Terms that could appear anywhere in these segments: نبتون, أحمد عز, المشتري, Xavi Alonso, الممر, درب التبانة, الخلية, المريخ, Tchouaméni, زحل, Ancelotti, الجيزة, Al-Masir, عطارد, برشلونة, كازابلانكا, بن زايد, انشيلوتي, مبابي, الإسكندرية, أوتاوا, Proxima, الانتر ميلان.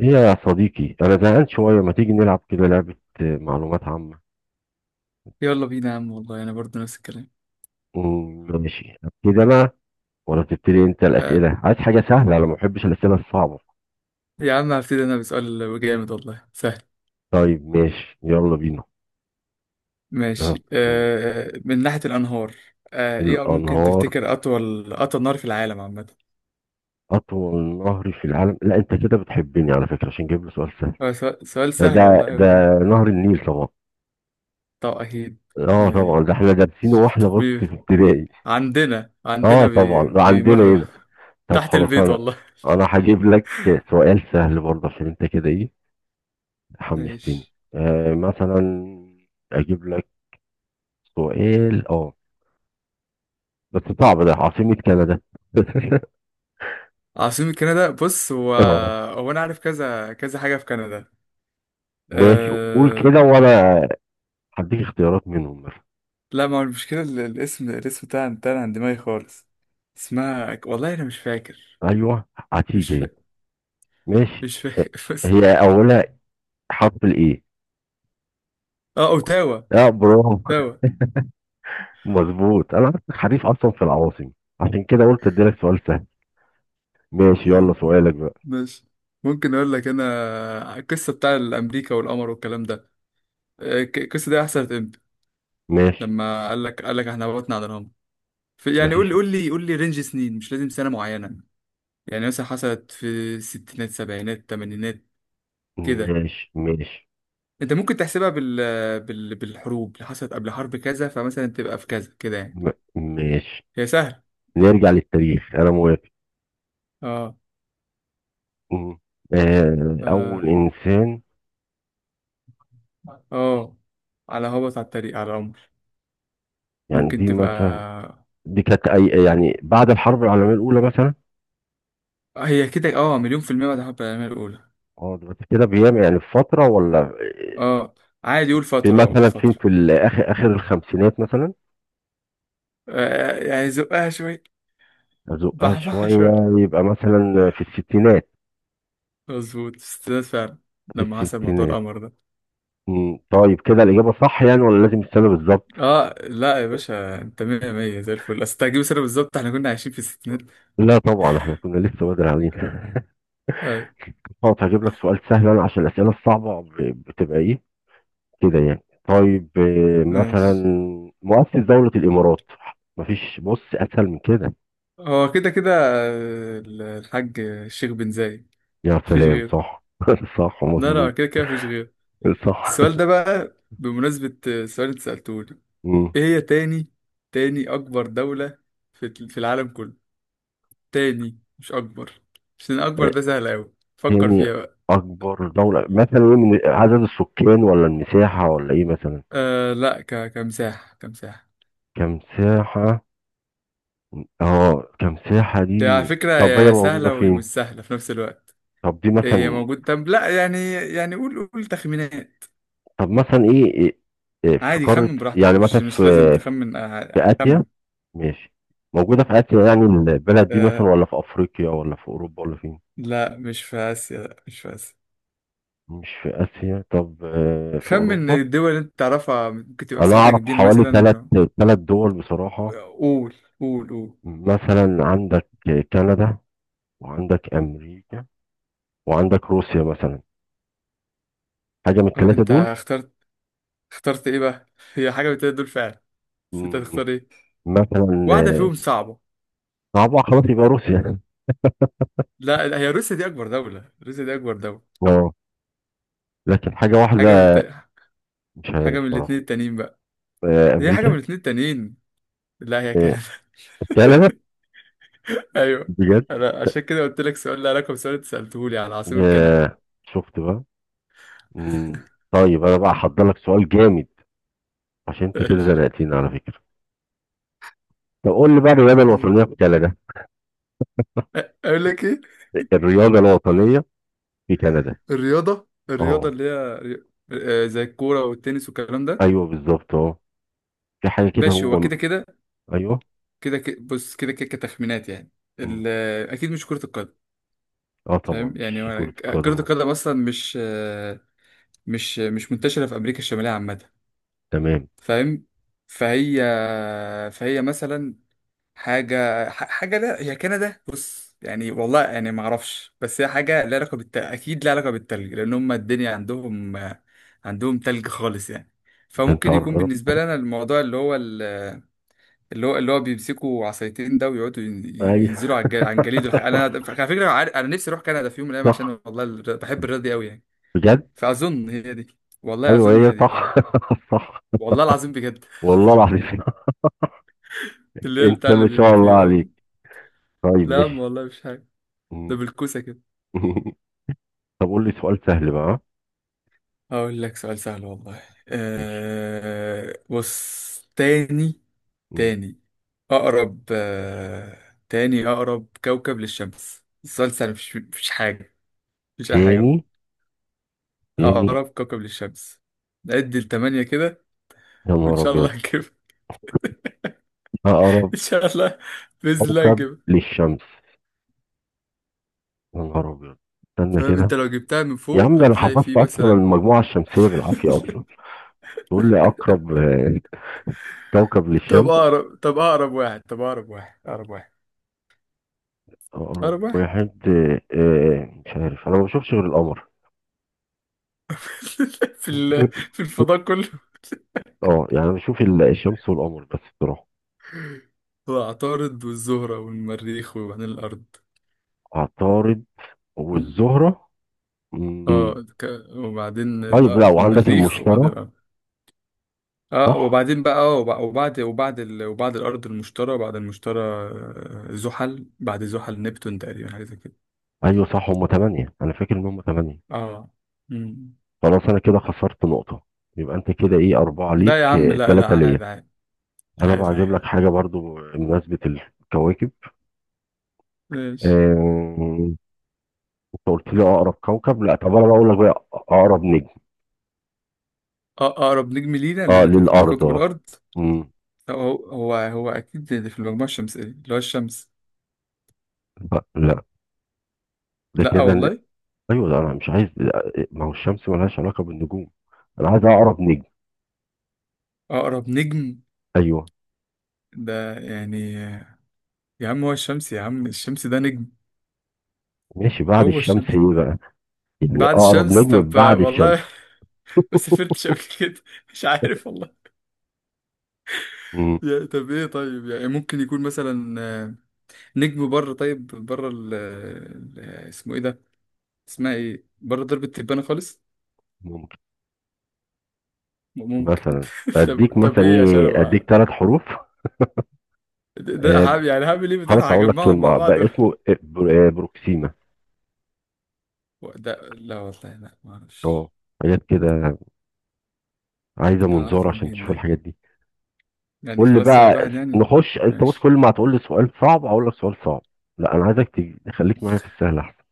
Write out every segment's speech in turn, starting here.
ايه يا صديقي، انا زهقان شويه، ما تيجي نلعب كده لعبه؟ آه، معلومات عامه. يلا بينا يا عم، والله انا برضه نفس الكلام. ماشي، ابتدي انا، ولا تبتدي انت آه، الاسئله؟ عايز حاجه سهله، انا ما بحبش الاسئله الصعبه. يا عم هبتدي انا بسؤال جامد والله سهل. طيب ماشي، يلا بينا. أه. ماشي، آه، من ناحية الانهار. آه، ايه ممكن الانهار. تفتكر اطول نهر في العالم عامة؟ اطول نهر في العالم؟ لا، انت كده بتحبني على فكره عشان جايب لي سؤال سهل. آه، سؤال ده سهل ده والله أوي يعني. ده نهر النيل طبعا. طب اكيد. اه طبعا، آه، ده احنا دارسينه واحنا، طب بص، في بي- ابتدائي. عندنا اه عندنا طبعا، بي ده عندنا بيمر هنا. طب تحت خلاص، البيت انا والله. انا هجيب لك سؤال سهل برضه عشان انت كده ايه، حمستني. ماشي. مثلا اجيب لك سؤال، بس صعب. ده عاصمة كندا. عاصمة كندا، بص هو اه هو انا عارف كذا كذا حاجة في كندا. ماشي، قول آه، كده وانا هديك اختيارات منهم مثلا. لا ما هو المشكلة الاسم، بتاعنا عن دماغي خالص. اسمها، والله أنا مش فاكر. ايوه، هتيجي مش دي. فاكر. ماشي. مش آه، فاكر بس. هي اولها حرف الايه. اه، أوتاوا. اه، برافو. أوتاوا. مظبوط، انا عارفك حريف اصلا في العواصم، عشان كده قلت اديلك سؤال سهل. ماشي، يلا يلا. سؤالك بقى. ماشي. ممكن أقول لك أنا القصة بتاع الأمريكا والقمر والكلام ده؟ آه، القصة دي حصلت إمتى؟ ماشي. لما قال لك إحنا هبطنا على القمر يعني قول مفيش. لي، قول لي رينج سنين، مش لازم سنة معينة. يعني مثلا حصلت في الستينات، سبعينات، تمانينات كده. ماشي، ماشي. انت ممكن تحسبها بالحروب اللي حصلت قبل حرب كذا، فمثلا تبقى في كذا كده يعني. م- ماشي. هي سهل. نرجع للتاريخ، انا موافق. اه. مم. آه، أول اه. إنسان. آه. على هبط على الطريق على العمر. يعني ممكن دي مثلا، تبقى دي كانت أي، يعني بعد الحرب العالمية الأولى مثلا. هي كده، اه، مليون في المية بعد حب العالمية الأولى. اه دلوقتي كده بيام، يعني في فترة ولا؟ اه عادي، قول في فترة. قول مثلا فين، فترة. في الآخر آخر الخمسينات مثلا. آه يعني زقها شوية. أزقها بحبحها شوية. شوية. يبقى مثلا في الستينات. مظبوط استناد فعلا في لما حصل موضوع الستينات. القمر ده. مم. طيب كده الإجابة صح يعني، ولا لازم السنة بالظبط؟ اه، لا يا باشا، انت مية مية زي الفل، اصل تجيب سنة بالظبط. احنا كنا عايشين في الستينات. لا طبعا، احنا كنا لسه بدري علينا. آه. طب هجيب لك سؤال سهل أنا، عشان الأسئلة الصعبة بتبقى إيه كده يعني. طيب، مثلا ماشي. مؤسس دولة الإمارات. مفيش بص أسهل من كده. هو كده كده، آه، الحاج الشيخ بن زايد. يا مفيش سلام، غيره. صح! صح، لا لا، مظبوط. كده كده مفيش غيره. صح. السؤال ده بقى بمناسبة سؤال انت سألتوني. مم. ايه هي تاني أكبر دولة في العالم كله؟ تاني مش أكبر، عشان أكبر آه، ده سهل أوي، فكر تاني فيها بقى. أكبر دولة مثلا إيه، من عدد السكان ولا المساحة ولا إيه مثلا؟ أه لا، كمساحة. كمساحة. كم ساحة. اه، كم ساحة هي على دي. فكرة طب هي يا موجودة سهلة فين؟ ومش سهلة في نفس الوقت. طب دي هي مثلا. موجود، طب لا يعني، يعني قول، قول تخمينات. طب مثلا إيه، في عادي قارة خمن براحتك، يعني، مثلا مش في مش لازم تخمن. في آسيا. خمن. ماشي، موجودة في آسيا يعني، البلد دي مثلا، أه ولا في أفريقيا ولا في أوروبا ولا فين؟ لا، مش في آسيا. لا مش في آسيا. مش في آسيا؟ طب في خمن أوروبا. الدول اللي انت تعرفها ممكن تبقى أنا مساحتها أعرف كبير حوالي ثلاث مثلا. ثلاث دول بصراحة. قول قول قول. مثلا عندك كندا، وعندك أمريكا، وعندك روسيا مثلا، حاجة من اه الثلاثة انت دول. اخترت، اخترت ايه بقى؟ هي حاجه من التلاتة دول فعلا، بس انت مم، هتختار ايه؟ مثلا واحده فيهم صعبه. صعبة، خلاص يبقى روسيا. لا لا، هي روسيا دي اكبر دوله. روسيا دي اكبر دوله. اه، لكن حاجة حاجه من الت... واحدة مش حاجه من عارف صراحة. الاثنين التانيين بقى. آه، هي حاجه من أمريكا. الاثنين التانيين. لا هي آه، كندا. كندا. ايوه، بجد؟ انا عشان كده قلت لك سؤال له علاقه بسؤال انت سالته لي على عاصمه كندا. آه، شفت بقى. مم. طيب انا بقى هحضر لك سؤال جامد عشان انت كده ماشي. زنقتني على فكره. طب قول لي بقى، الرياضه الوطنيه في كندا. اقول لك ايه؟ الرياضه الوطنيه في كندا. الرياضه، اه. آه، زي الكوره والتنس والكلام ده. ايوه بالظبط، اه. في حاجه كده ماشي هو كده هم. كده. ايوه. كده بص كده كده كتخمينات يعني. مم. ال... اكيد مش كرة القدم. اه طبعا فاهم يعني مش هو كره القدم. كرة أه. القدم اصلا مش منتشرة في امريكا الشمالية عامة. تمام. فاهم. فهي. فهي مثلا حاجة. حاجة، لا هي كندا، بص يعني، والله يعني ما اعرفش، بس هي حاجة لها علاقة اكيد لها علاقة بالتلج، لان هم الدنيا عندهم، عندهم تلج خالص يعني. ده انت فممكن يكون قرب. بالنسبة لنا الموضوع اللي هو، اللي هو بيمسكوا عصايتين ده ويقعدوا ينزلوا ايوه. على عن جليده الحقيقة. انا صح، على فكره انا نفسي اروح كندا في يوم من الايام، عشان صح، والله بحب الرياضه دي قوي يعني. بجد. فاظن هي دي، والله ايوه، اظن هي هي دي صح. يعني. صح. والله العظيم بجد. والله العظيم. اللي هي انت بتاع ما شاء الله عليك. بيعوم. طيب، لا يا عم ماشي. والله مش حاجه، ده مم. بالكوسه كده. طب قول لي سؤال سهل بقى. هقول لك سؤال سهل والله. ماشي. أه بص، تاني. مم. تاني اقرب أه تاني اقرب كوكب للشمس. السؤال سهل، مش مش حاجه، مش اي حاجه. تاني، تاني، أقرب كوكب للشمس. نعد لتمانية كده يا وإن نهار شاء الله أبيض! هجيبها. أقرب إن شاء الله، بإذن الله كوكب هجيبها. للشمس. يا نهار أبيض، استنى فاهم كده. أنت لو جبتها من يا عم، فوق ده أنا هتلاقي حفظت فيه أصلا مثلا. المجموعة الشمسية بالعافية أصلا. تقول لي أقرب، كوكب طب للشمس. أقرب، طب أقرب واحد، طب أقرب واحد. أقرب واحد. أقرب أقرب واحد. واحد؟ مش عارف، أنا ما بشوفش غير القمر. في في الفضاء كله. أه يعني أنا بشوف الشمس والقمر بس بصراحة. هو عطارد والزهرة والمريخ وبعدين الأرض. عطارد م. والزهرة. مم. اه وبعدين طيب، لا، وعندك المريخ وبعدين المشتري. الأرض. اه صح؟ وبعدين بقى، اه وبعد، وبعد الارض المشتري، بعد المشتري آه، زحل، بعد زحل نبتون، تقريبا حاجه زي كده. أيوه صح، هما تمانية، أنا فاكر إن هما تمانية. اه. مم. خلاص، انا كده خسرت نقطة، يبقى انت كده ايه، اربعة ليك، لا يا عم لا لا، تلاتة ليا. عادي عادي، انا بقى عادي هجيب عادي. لك حاجة برضو بمناسبة الكواكب. ماشي. آه، انت قلت لي اقرب كوكب، لا طب انا بقول لك بقى اقرب نجم. آه، اقرب نجم لينا اه، للارض، لكوكب اه. الارض؟ مم. هو هو هو اكيد في المجموعه الشمسيه، اللي هو الشمس. لا، لا، ده لا كده والله. ايوه، ده انا مش عايز. لا، ما هو الشمس ملهاش علاقة بالنجوم، انا عايز اقرب نجم. اقرب نجم؟ ايوه. ده يعني، آه، يا عم هو الشمس، يا عم الشمس ده نجم. ماشي، بعد هو الشمس الشمس. ايه بقى؟ يعني بعد اقرب الشمس نجم طب، آه، بعد الشمس. والله ما سافرتش قبل كده، مش عارف والله. مم. طب ايه؟ طيب يعني ممكن يكون مثلا، آه، نجم بره. طيب بره اسمه ايه ده؟ اسمها ايه بره درب التبانة خالص؟ ممكن. ممكن. مثلا اديك طب، طب مثلا ايه عشان ايه، اديك ابقى، ثلاث حروف. ده ده آه، هعمل يعني، هعمل ايه خلاص ده، هقول لك هجمعهم كلمة، مع بعض. بقى اسمه بروكسيما. ده لا والله، لا ما اه، اعرفش. حاجات كده عايزة منظار اعرفه عشان منين تشوف ده؟ الحاجات دي. يعني قول لي خلاص، واحد بقى، واحد يعني. نخش. انت بص، ماشي. كل ما هتقول لي سؤال صعب هقول لك سؤال صعب. لا، انا عايزك تخليك معايا في السهل احسن.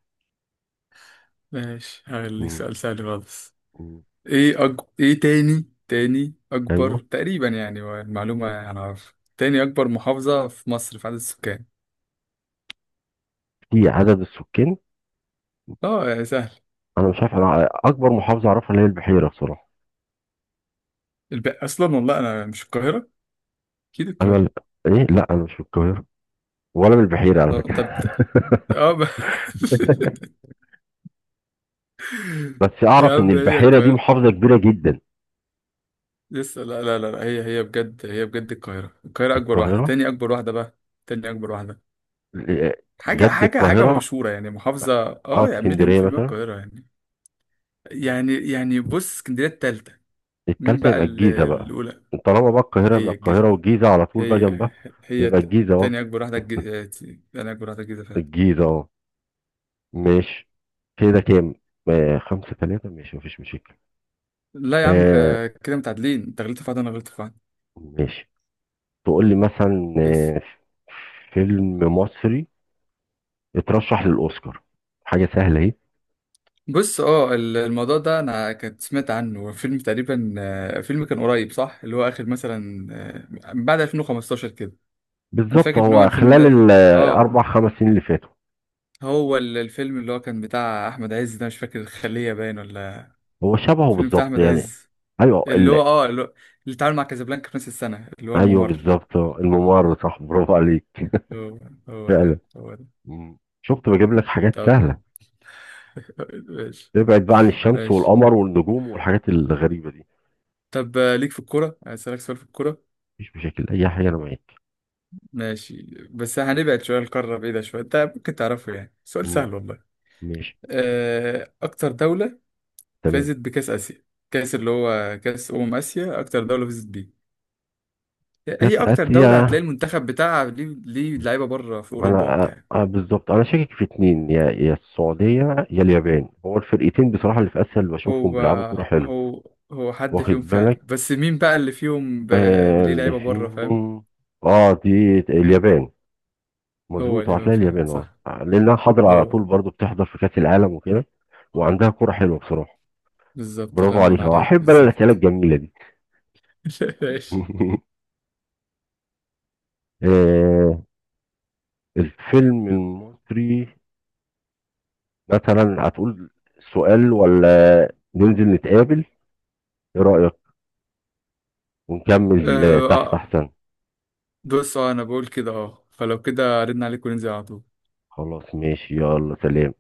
ماشي هخليك مم. سؤال سهل خالص. مم. ايه تاني، تاني اكبر ايوه، تقريبا يعني المعلومة انا عارف، تاني اكبر محافظة في مصر في عدد السكان. في عدد السكان. اه سهل. انا مش عارف، انا اكبر محافظة اعرفها اللي هي البحيرة بصراحة. اصلا والله انا مش، القاهره اكيد انا القاهره. ايه، لا، انا مش من القاهرة ولا من البحيرة على لا، فكرة. طب اه بس يا اعرف ان عم هي البحيرة دي القاهره محافظة كبيرة جدا. لسه. لا لا لا لا، هي هي بجد، هي بجد القاهره. القاهره اكبر واحده، القاهرة. تاني اكبر واحده بقى. تاني اكبر واحده. آه، حاجه، بجد حاجه حاجه القاهرة؟ مشهوره يعني محافظه، اه، اه يعني مليون اسكندرية في المية مثلا. القاهره يعني. يعني بص، اسكندريه التالتة. مين التالتة؟ بقى يبقى الجيزة بقى. الاولى؟ طالما بقى القاهرة، يبقى هي القاهرة الجيزه. والجيزة على طول بقى هي، جنبها. هي يبقى الجيزة، اه. تاني اكبر واحده آه، تاني اكبر واحده الجيزه فعلا. الجيزة، اه. ماشي، كده كام؟ آه، خمسة تلاتة، ماشي مفيش مشاكل. لا يا عم، آه، آه، كده متعادلين، انت غلطت في واحد انا غلطت في واحد. ماشي، تقول لي مثلا، بس فيلم مصري اترشح للأوسكار، حاجة سهلة اهي. بص اه الموضوع ده انا كنت سمعت عنه فيلم، تقريبا آه، فيلم كان قريب صح، اللي هو اخر مثلا آه، بعد 2015 كده. انا بالظبط، فاكر ان هو هو الفيلم خلال ده. اه الأربع خمس سنين اللي فاتوا. هو الفيلم اللي هو كان بتاع احمد عز ده، مش فاكر الخلية باين ولا. هو شبهه الفيلم بتاع بالظبط احمد يعني. عز، أيوه، اللي هو اه اللي، هو اللي اتعامل مع كازابلانكا في نفس السنة، اللي هو أيوه الممر. بالظبط، آه، الممر، صح، برافو عليك. هو. هو ده. فعلا. هو ده. مم. شفت بجيب لك حاجات طب سهلة، ماشي. ابعد بقى عن الشمس ماشي، والقمر والنجوم والحاجات الغريبة دي. طب آه، ليك في الكورة، اسألك سؤال في الكورة؟ مفيش مشاكل، أي حاجة أنا معاك. ماشي، بس هنبعد شوية، القارة بعيدة شوية، انت ممكن تعرفه يعني، سؤال مم. سهل والله. ماشي، آه، أكتر دولة تمام. فازت بكأس آسيا، كأس اللي هو كأس أمم آسيا، أكتر دولة فازت بيه. جت هي أكتر آسيا. دولة هتلاقي المنتخب بتاعها ليه، ليه لعيبة بره في ما أوروبا أنا، وبتاع. بالظبط، أنا شاكك في اتنين، يا السعودية يا اليابان، هو الفرقتين بصراحة اللي في آسيا اللي بشوفهم هو بيلعبوا كورة حلو. هو، هو حد واخد فيهم فعلا، بالك، بس مين بقى اللي فيهم آه، ليه اللي لعيبة بره، فاهم. فيهم اه دي اليابان. هو مظبوط، اللي هو بيبان هتلاقي فعلا اليابان، صح. اه لأنها حاضرة على هو. طول، برضو بتحضر في كأس العالم وكده، وعندها كورة حلوة بصراحة. بالظبط، الله برافو ينور عليك، اهو عليك، احب انا الاسئله بالظبط. الجميله دي. ماشي. آه، الفيلم المصري مثلا، هتقول سؤال ولا ننزل نتقابل؟ ايه رأيك، ونكمل تحت آه، احسن. بص اه انا بقول كده اه، فلو كده ردنا عليك وننزل على طول. خلاص، ماشي، يلا سلام.